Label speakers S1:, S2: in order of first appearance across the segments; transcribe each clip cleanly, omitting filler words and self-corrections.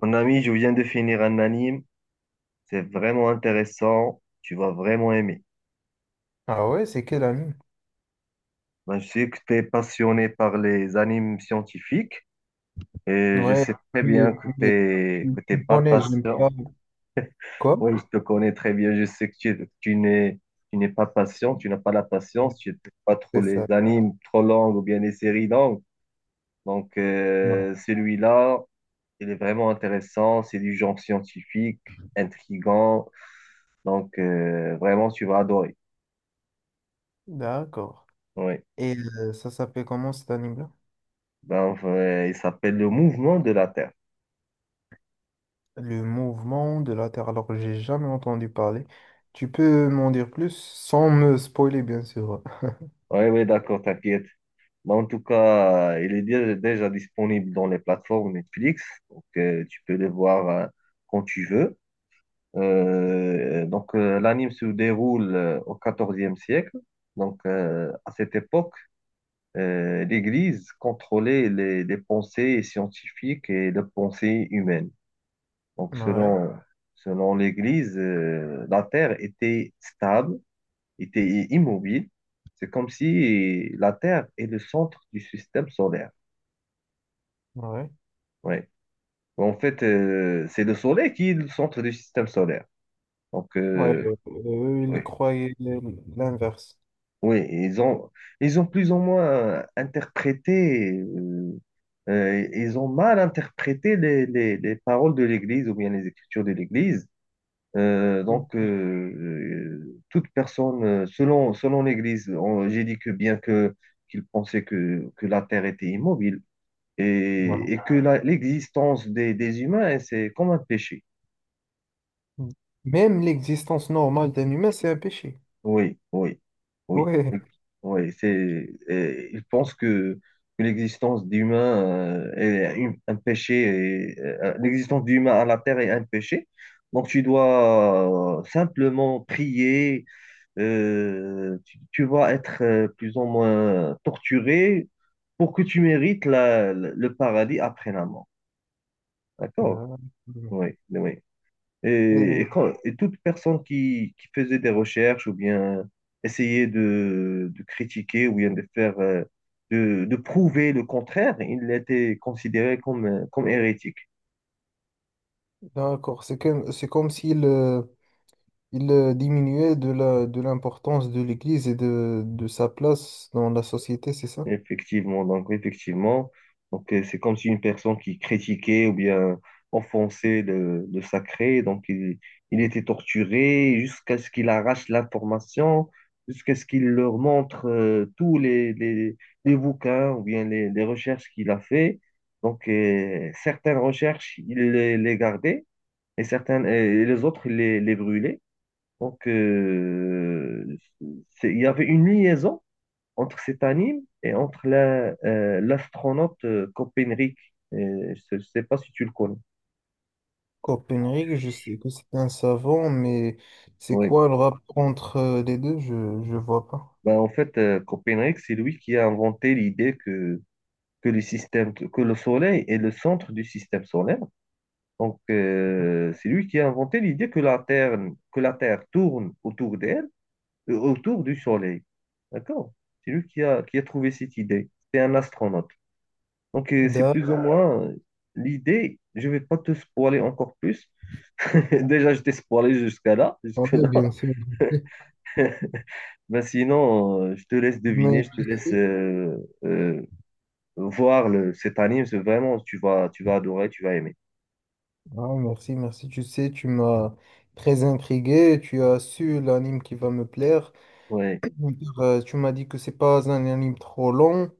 S1: Mon ami, je viens de finir un anime. C'est vraiment intéressant. Tu vas vraiment aimer.
S2: Ah ouais, c'est quel ami?
S1: Ben, je sais que tu es passionné par les animes scientifiques et je
S2: Ouais,
S1: sais très
S2: mais,
S1: bien que
S2: mais tu
S1: tu que t'es
S2: me
S1: pas
S2: connais, j'aime
S1: patient.
S2: pas. Quoi?
S1: Oui, je te connais très bien. Je sais que tu n'es pas patient. Tu n'as pas la patience. Tu n'aimes pas trop
S2: C'est
S1: les
S2: ça.
S1: animes trop longues ou bien les séries longues. Donc,
S2: Non.
S1: celui-là, il est vraiment intéressant. C'est du genre scientifique, intriguant. Donc, vraiment, tu vas adorer.
S2: D'accord.
S1: Oui.
S2: Et ça s'appelle comment cet anime-là?
S1: Donc, il s'appelle le mouvement de la Terre.
S2: Le mouvement de la Terre. Alors, j'ai jamais entendu parler. Tu peux m'en dire plus sans me spoiler, bien sûr.
S1: Oui, oui, d'accord, t'inquiète. Mais en tout cas, il est déjà disponible dans les plateformes Netflix. Donc, tu peux le voir quand tu veux. L'anime se déroule au 14e siècle. Donc, à cette époque, l'Église contrôlait les pensées scientifiques et les pensées humaines. Donc,
S2: Ouais,
S1: selon l'Église, la Terre était stable était immobile. C'est comme si la Terre est le centre du système solaire.
S2: ouais.
S1: Ouais. En fait, c'est le Soleil qui est le centre du système solaire. Donc,
S2: Ouais, eux,
S1: oui,
S2: ils croyaient l'inverse.
S1: oui, ils ont plus ou moins interprété, ils ont mal interprété les paroles de l'Église ou bien les écritures de l'Église.
S2: Mm.
S1: Toute personne, selon l'Église, j'ai dit que bien que qu'ils pensaient que la Terre était immobile,
S2: Ouais.
S1: et que l'existence des humains, hein, c'est comme un péché.
S2: Mm. Même l'existence normale d'un humain, c'est un péché.
S1: Oui, oui, oui,
S2: Ouais.
S1: oui. C'est, et ils pensent que l'existence d'humains est un péché, et, l'existence d'humains à la terre est un péché. Donc tu dois simplement prier, tu vas être plus ou moins torturé pour que tu mérites le paradis après la mort. D'accord?
S2: Non, non,
S1: Oui, oui.
S2: non.
S1: Et toute personne qui faisait des recherches ou bien essayait de critiquer ou bien de faire, de prouver le contraire, il était considéré comme hérétique.
S2: D'accord, c'est comme s'il il diminuait de l'importance de l'Église et de sa place dans la société, c'est ça?
S1: Effectivement, donc c'est comme si une personne qui critiquait ou bien offensait le sacré, donc il était torturé jusqu'à ce qu'il arrache l'information, jusqu'à ce qu'il leur montre tous les bouquins ou bien les recherches qu'il a fait. Donc certaines recherches, il les gardait et certaines et les autres, il les brûlait. Donc il y avait une liaison entre cet anime et entre l'astronaute Copernic. Je ne sais pas si tu le connais.
S2: Copernic, je sais que c'est un savant, mais c'est
S1: Oui.
S2: quoi le rapport entre les deux? Je ne vois pas.
S1: Ben, en fait, Copernic, c'est lui qui a inventé l'idée que les systèmes, que le Soleil est le centre du système solaire. Donc, c'est lui qui a inventé l'idée que la Terre tourne autour d'elle, autour du Soleil. D'accord? C'est lui qui a trouvé cette idée. C'est un astronaute. Donc, c'est
S2: D'accord,
S1: plus ou moins l'idée. Je ne vais pas te spoiler encore plus. Déjà, je t'ai spoilé jusqu'à là, jusque
S2: ouais,
S1: là.
S2: bien sûr. Je sais.
S1: Ben sinon, je te laisse deviner,
S2: Mais
S1: je te
S2: tu
S1: laisse
S2: sais,
S1: euh, voir cet anime. C'est vraiment, tu vas adorer, tu vas aimer.
S2: ah, merci, merci. Tu sais, tu m'as très intrigué, tu as su l'anime qui va me plaire.
S1: Oui,
S2: Tu m'as dit que c'est pas un anime trop long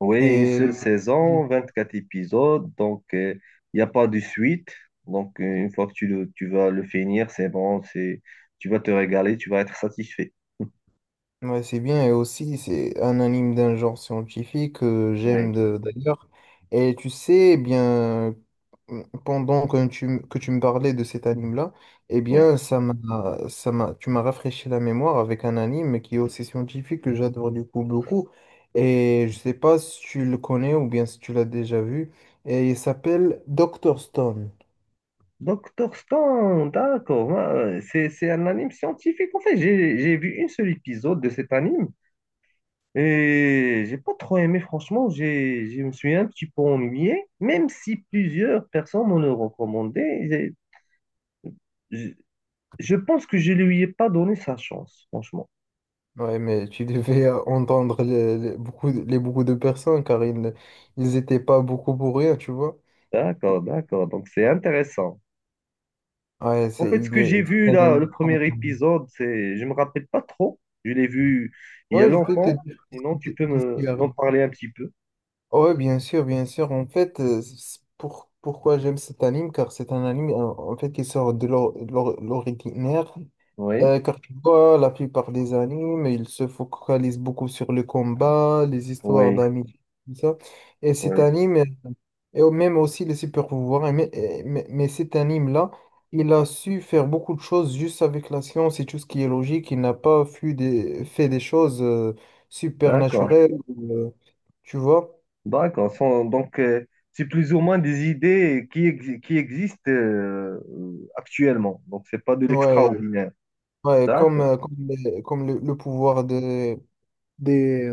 S1: oui, une
S2: et.
S1: seule saison,
S2: Oui,
S1: 24 épisodes, donc il n'y a pas de suite. Donc, une fois que tu vas le finir, c'est bon, c'est, tu vas te régaler, tu vas être satisfait.
S2: ouais, c'est bien, et aussi c'est un anime d'un genre scientifique que
S1: Oui,
S2: j'aime d'ailleurs. Et tu sais, eh bien, pendant que tu me parlais de cet anime-là, eh
S1: oui.
S2: bien, tu m'as rafraîchi la mémoire avec un anime qui est aussi scientifique que j'adore du coup beaucoup. Et je sais pas si tu le connais ou bien si tu l'as déjà vu. Et il s'appelle Doctor Stone.
S1: Doctor Stone, d'accord. Ouais, ouais. C'est un anime scientifique. En fait, j'ai vu une seule épisode de cet anime. Et j'ai pas trop aimé, franchement, je me suis un petit peu ennuyé, même si plusieurs personnes m'ont le recommandé. j'ai- Je, je pense que je lui ai pas donné sa chance, franchement.
S2: Ouais, mais tu devais entendre les beaucoup de personnes car ils étaient pas beaucoup pour rien, tu vois.
S1: D'accord, d'accord, donc c'est intéressant.
S2: Ouais,
S1: En
S2: c'est.
S1: fait, ce que j'ai vu là,
S2: Euh,
S1: le premier épisode, c'est, je me rappelle pas trop. Je l'ai vu il y a
S2: Ouais, je vais te
S1: longtemps.
S2: dire ce
S1: Sinon,
S2: qui
S1: tu peux
S2: qu'est-ce qui
S1: m'en
S2: arrive.
S1: parler un petit peu.
S2: Ouais, bien sûr, bien sûr. En fait, pourquoi j'aime cet anime, car c'est un anime en fait qui sort de l'ordinaire.
S1: Oui,
S2: Car tu vois, la plupart des animes, ils se focalisent beaucoup sur le combat, les histoires
S1: oui,
S2: d'amis, tout ça. Et cet
S1: oui.
S2: anime. Et même aussi les super pouvoirs. Mais cet anime-là, il a su faire beaucoup de choses juste avec la science et tout ce qui est logique. Il n'a pas fait des choses
S1: D'accord.
S2: supernaturelles, euh, tu vois?
S1: D'accord. Donc, c'est plus ou moins des idées qui existent actuellement. Donc, c'est pas de
S2: Ouais,
S1: l'extraordinaire.
S2: ouais, comme,
S1: D'accord.
S2: euh, comme, les- comme le pouvoir des,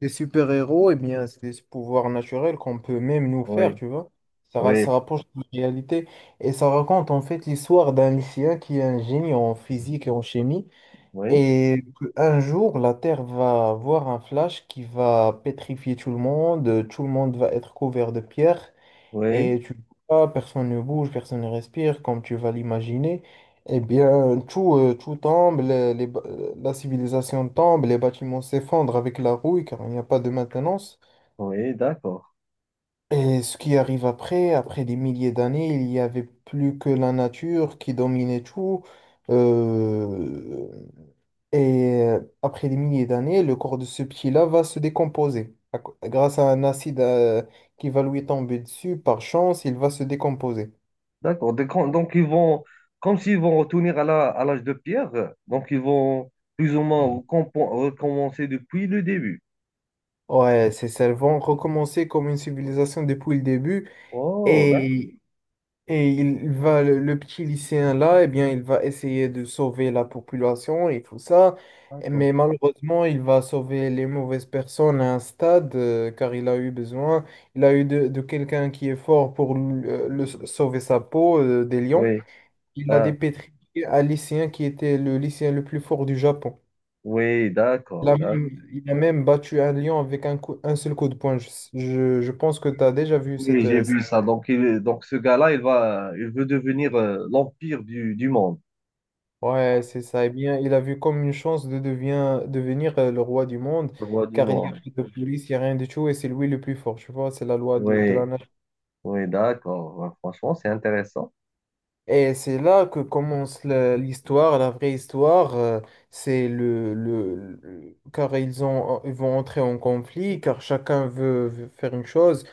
S2: des super-héros, eh bien, c'est des pouvoirs naturels qu'on peut même nous faire,
S1: Oui,
S2: tu vois? Ça, ra-
S1: oui,
S2: ça rapproche de la réalité et ça raconte en fait l'histoire d'un lycéen qui est un génie en physique et en chimie.
S1: oui,
S2: Et un jour, la Terre va voir un flash qui va pétrifier tout le monde va être couvert de pierres,
S1: oui,
S2: et tu vois, personne ne bouge, personne ne respire, comme tu vas l'imaginer. Eh bien, tout tombe, la civilisation tombe, les bâtiments s'effondrent avec la rouille, car il n'y a pas de maintenance.
S1: oui, d'accord.
S2: Et ce qui arrive après, après des milliers d'années, il n'y avait plus que la nature qui dominait tout. Euh, et après des milliers d'années, le corps de ce petit-là va se décomposer. Grâce à un acide qui va lui tomber dessus, par chance, il va se décomposer.
S1: D'accord. Donc, donc, ils vont, comme s'ils vont retourner à à l'âge de pierre, donc ils vont plus ou moins recommencer depuis le début.
S2: Ouais, c'est ça, elles vont recommencer comme une civilisation depuis le début. Mhm.
S1: Oh,
S2: Et le petit lycéen là, eh bien, il va essayer de sauver la population et tout ça.
S1: d'accord.
S2: Mais malheureusement, il va sauver les mauvaises personnes à un stade, car il a eu besoin, il a eu de quelqu'un qui est fort pour sauver sa peau, des lions.
S1: Oui,
S2: Il a
S1: ah,
S2: dépétriqué un lycéen qui était le lycéen le plus fort du Japon.
S1: oui,
S2: Il
S1: d'accord,
S2: a
S1: d'accord.
S2: même, il a même battu un lion avec un seul coup de poing. Je pense que tu as déjà vu cette,
S1: Oui, j'ai vu
S2: scène.
S1: ça. Donc, donc ce gars-là, il va, il veut devenir l'empire du monde,
S2: Ouais, c'est ça. Eh bien, il a vu comme une chance de devenir le roi du monde,
S1: le roi du
S2: car il n'y a
S1: monde.
S2: rien de police, il n'y a rien de tout, et c'est lui le plus fort, tu vois, c'est la loi de
S1: Oui,
S2: la nature.
S1: oui, d'accord. Ouais, franchement, c'est intéressant.
S2: Et c'est là que commence l'histoire, la vraie histoire, c'est le- car ils vont entrer en conflit, car chacun veut faire une chose,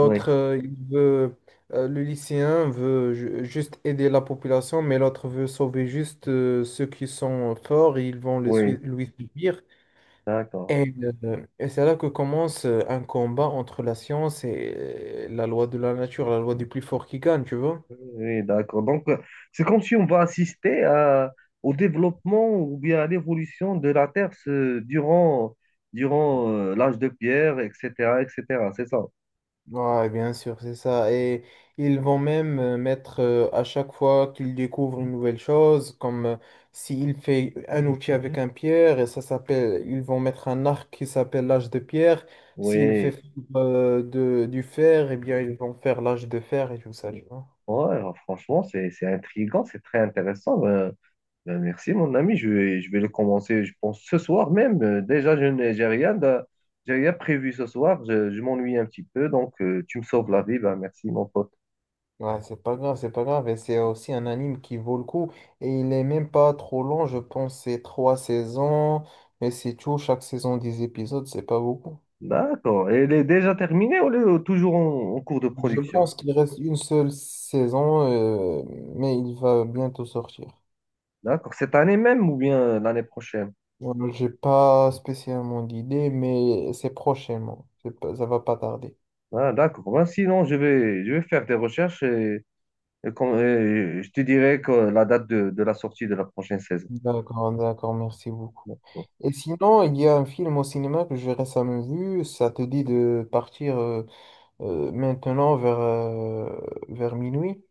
S1: Oui,
S2: le lycéen veut juste aider la population, mais l'autre veut sauver juste ceux qui sont forts, et ils vont
S1: oui,
S2: lui suivre.
S1: d'accord.
S2: Et, et c'est là que commence un combat entre la science et la loi de la nature, la loi du plus fort qui gagne, tu vois?
S1: Oui, d'accord. Donc, c'est comme si on va assister au développement ou bien à l'évolution de la Terre durant l'âge de pierre, etc., etc. C'est ça.
S2: Ouais, bien sûr, c'est ça. Et ils vont même mettre à chaque fois qu'ils découvrent une nouvelle chose, comme s'il fait un outil avec un pierre, et ça s'appelle, ils vont mettre un arc qui s'appelle l'âge de pierre. S'il
S1: Oui,
S2: fait du fer, eh bien, ils vont faire l'âge de fer et tout ça, tu vois?
S1: ouais, franchement, c'est intriguant, c'est très intéressant. Ben, merci, mon ami. Je vais le commencer, je pense, ce soir même. Déjà, je n'ai, j'ai rien de- j'ai rien prévu ce soir. Je m'ennuie un petit peu, donc tu me sauves la vie. Ben, merci, mon pote.
S2: Ouais, c'est pas grave, c'est pas grave. Et c'est aussi un anime qui vaut le coup. Et il est même pas trop long, je pense, c'est trois saisons. Mais c'est tout, chaque saison 10 épisodes, c'est pas beaucoup.
S1: D'accord. Et elle est déjà terminée ou elle est toujours en cours de
S2: Je Mhm.
S1: production?
S2: pense qu'il reste une seule saison, mais il va bientôt sortir.
S1: D'accord. Cette année même ou bien l'année prochaine?
S2: Ouais, j'ai pas spécialement d'idée, mais c'est prochainement. C'est pas- Ça va pas tarder.
S1: Ah, d'accord. Ben, sinon, je vais faire des recherches et je te dirai que la date de la sortie de la prochaine saison.
S2: D'accord, d'accord, merci beaucoup.
S1: D'accord.
S2: Et sinon, il y a un film au cinéma que j'ai récemment vu. Ça te dit de partir maintenant vers minuit.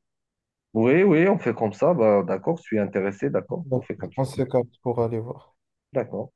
S1: Oui, oui, on fait comme ça. Ben, d'accord, je suis intéressé. D'accord, on
S2: Donc,
S1: fait comme ça.
S2: on se capte pour aller voir.
S1: D'accord.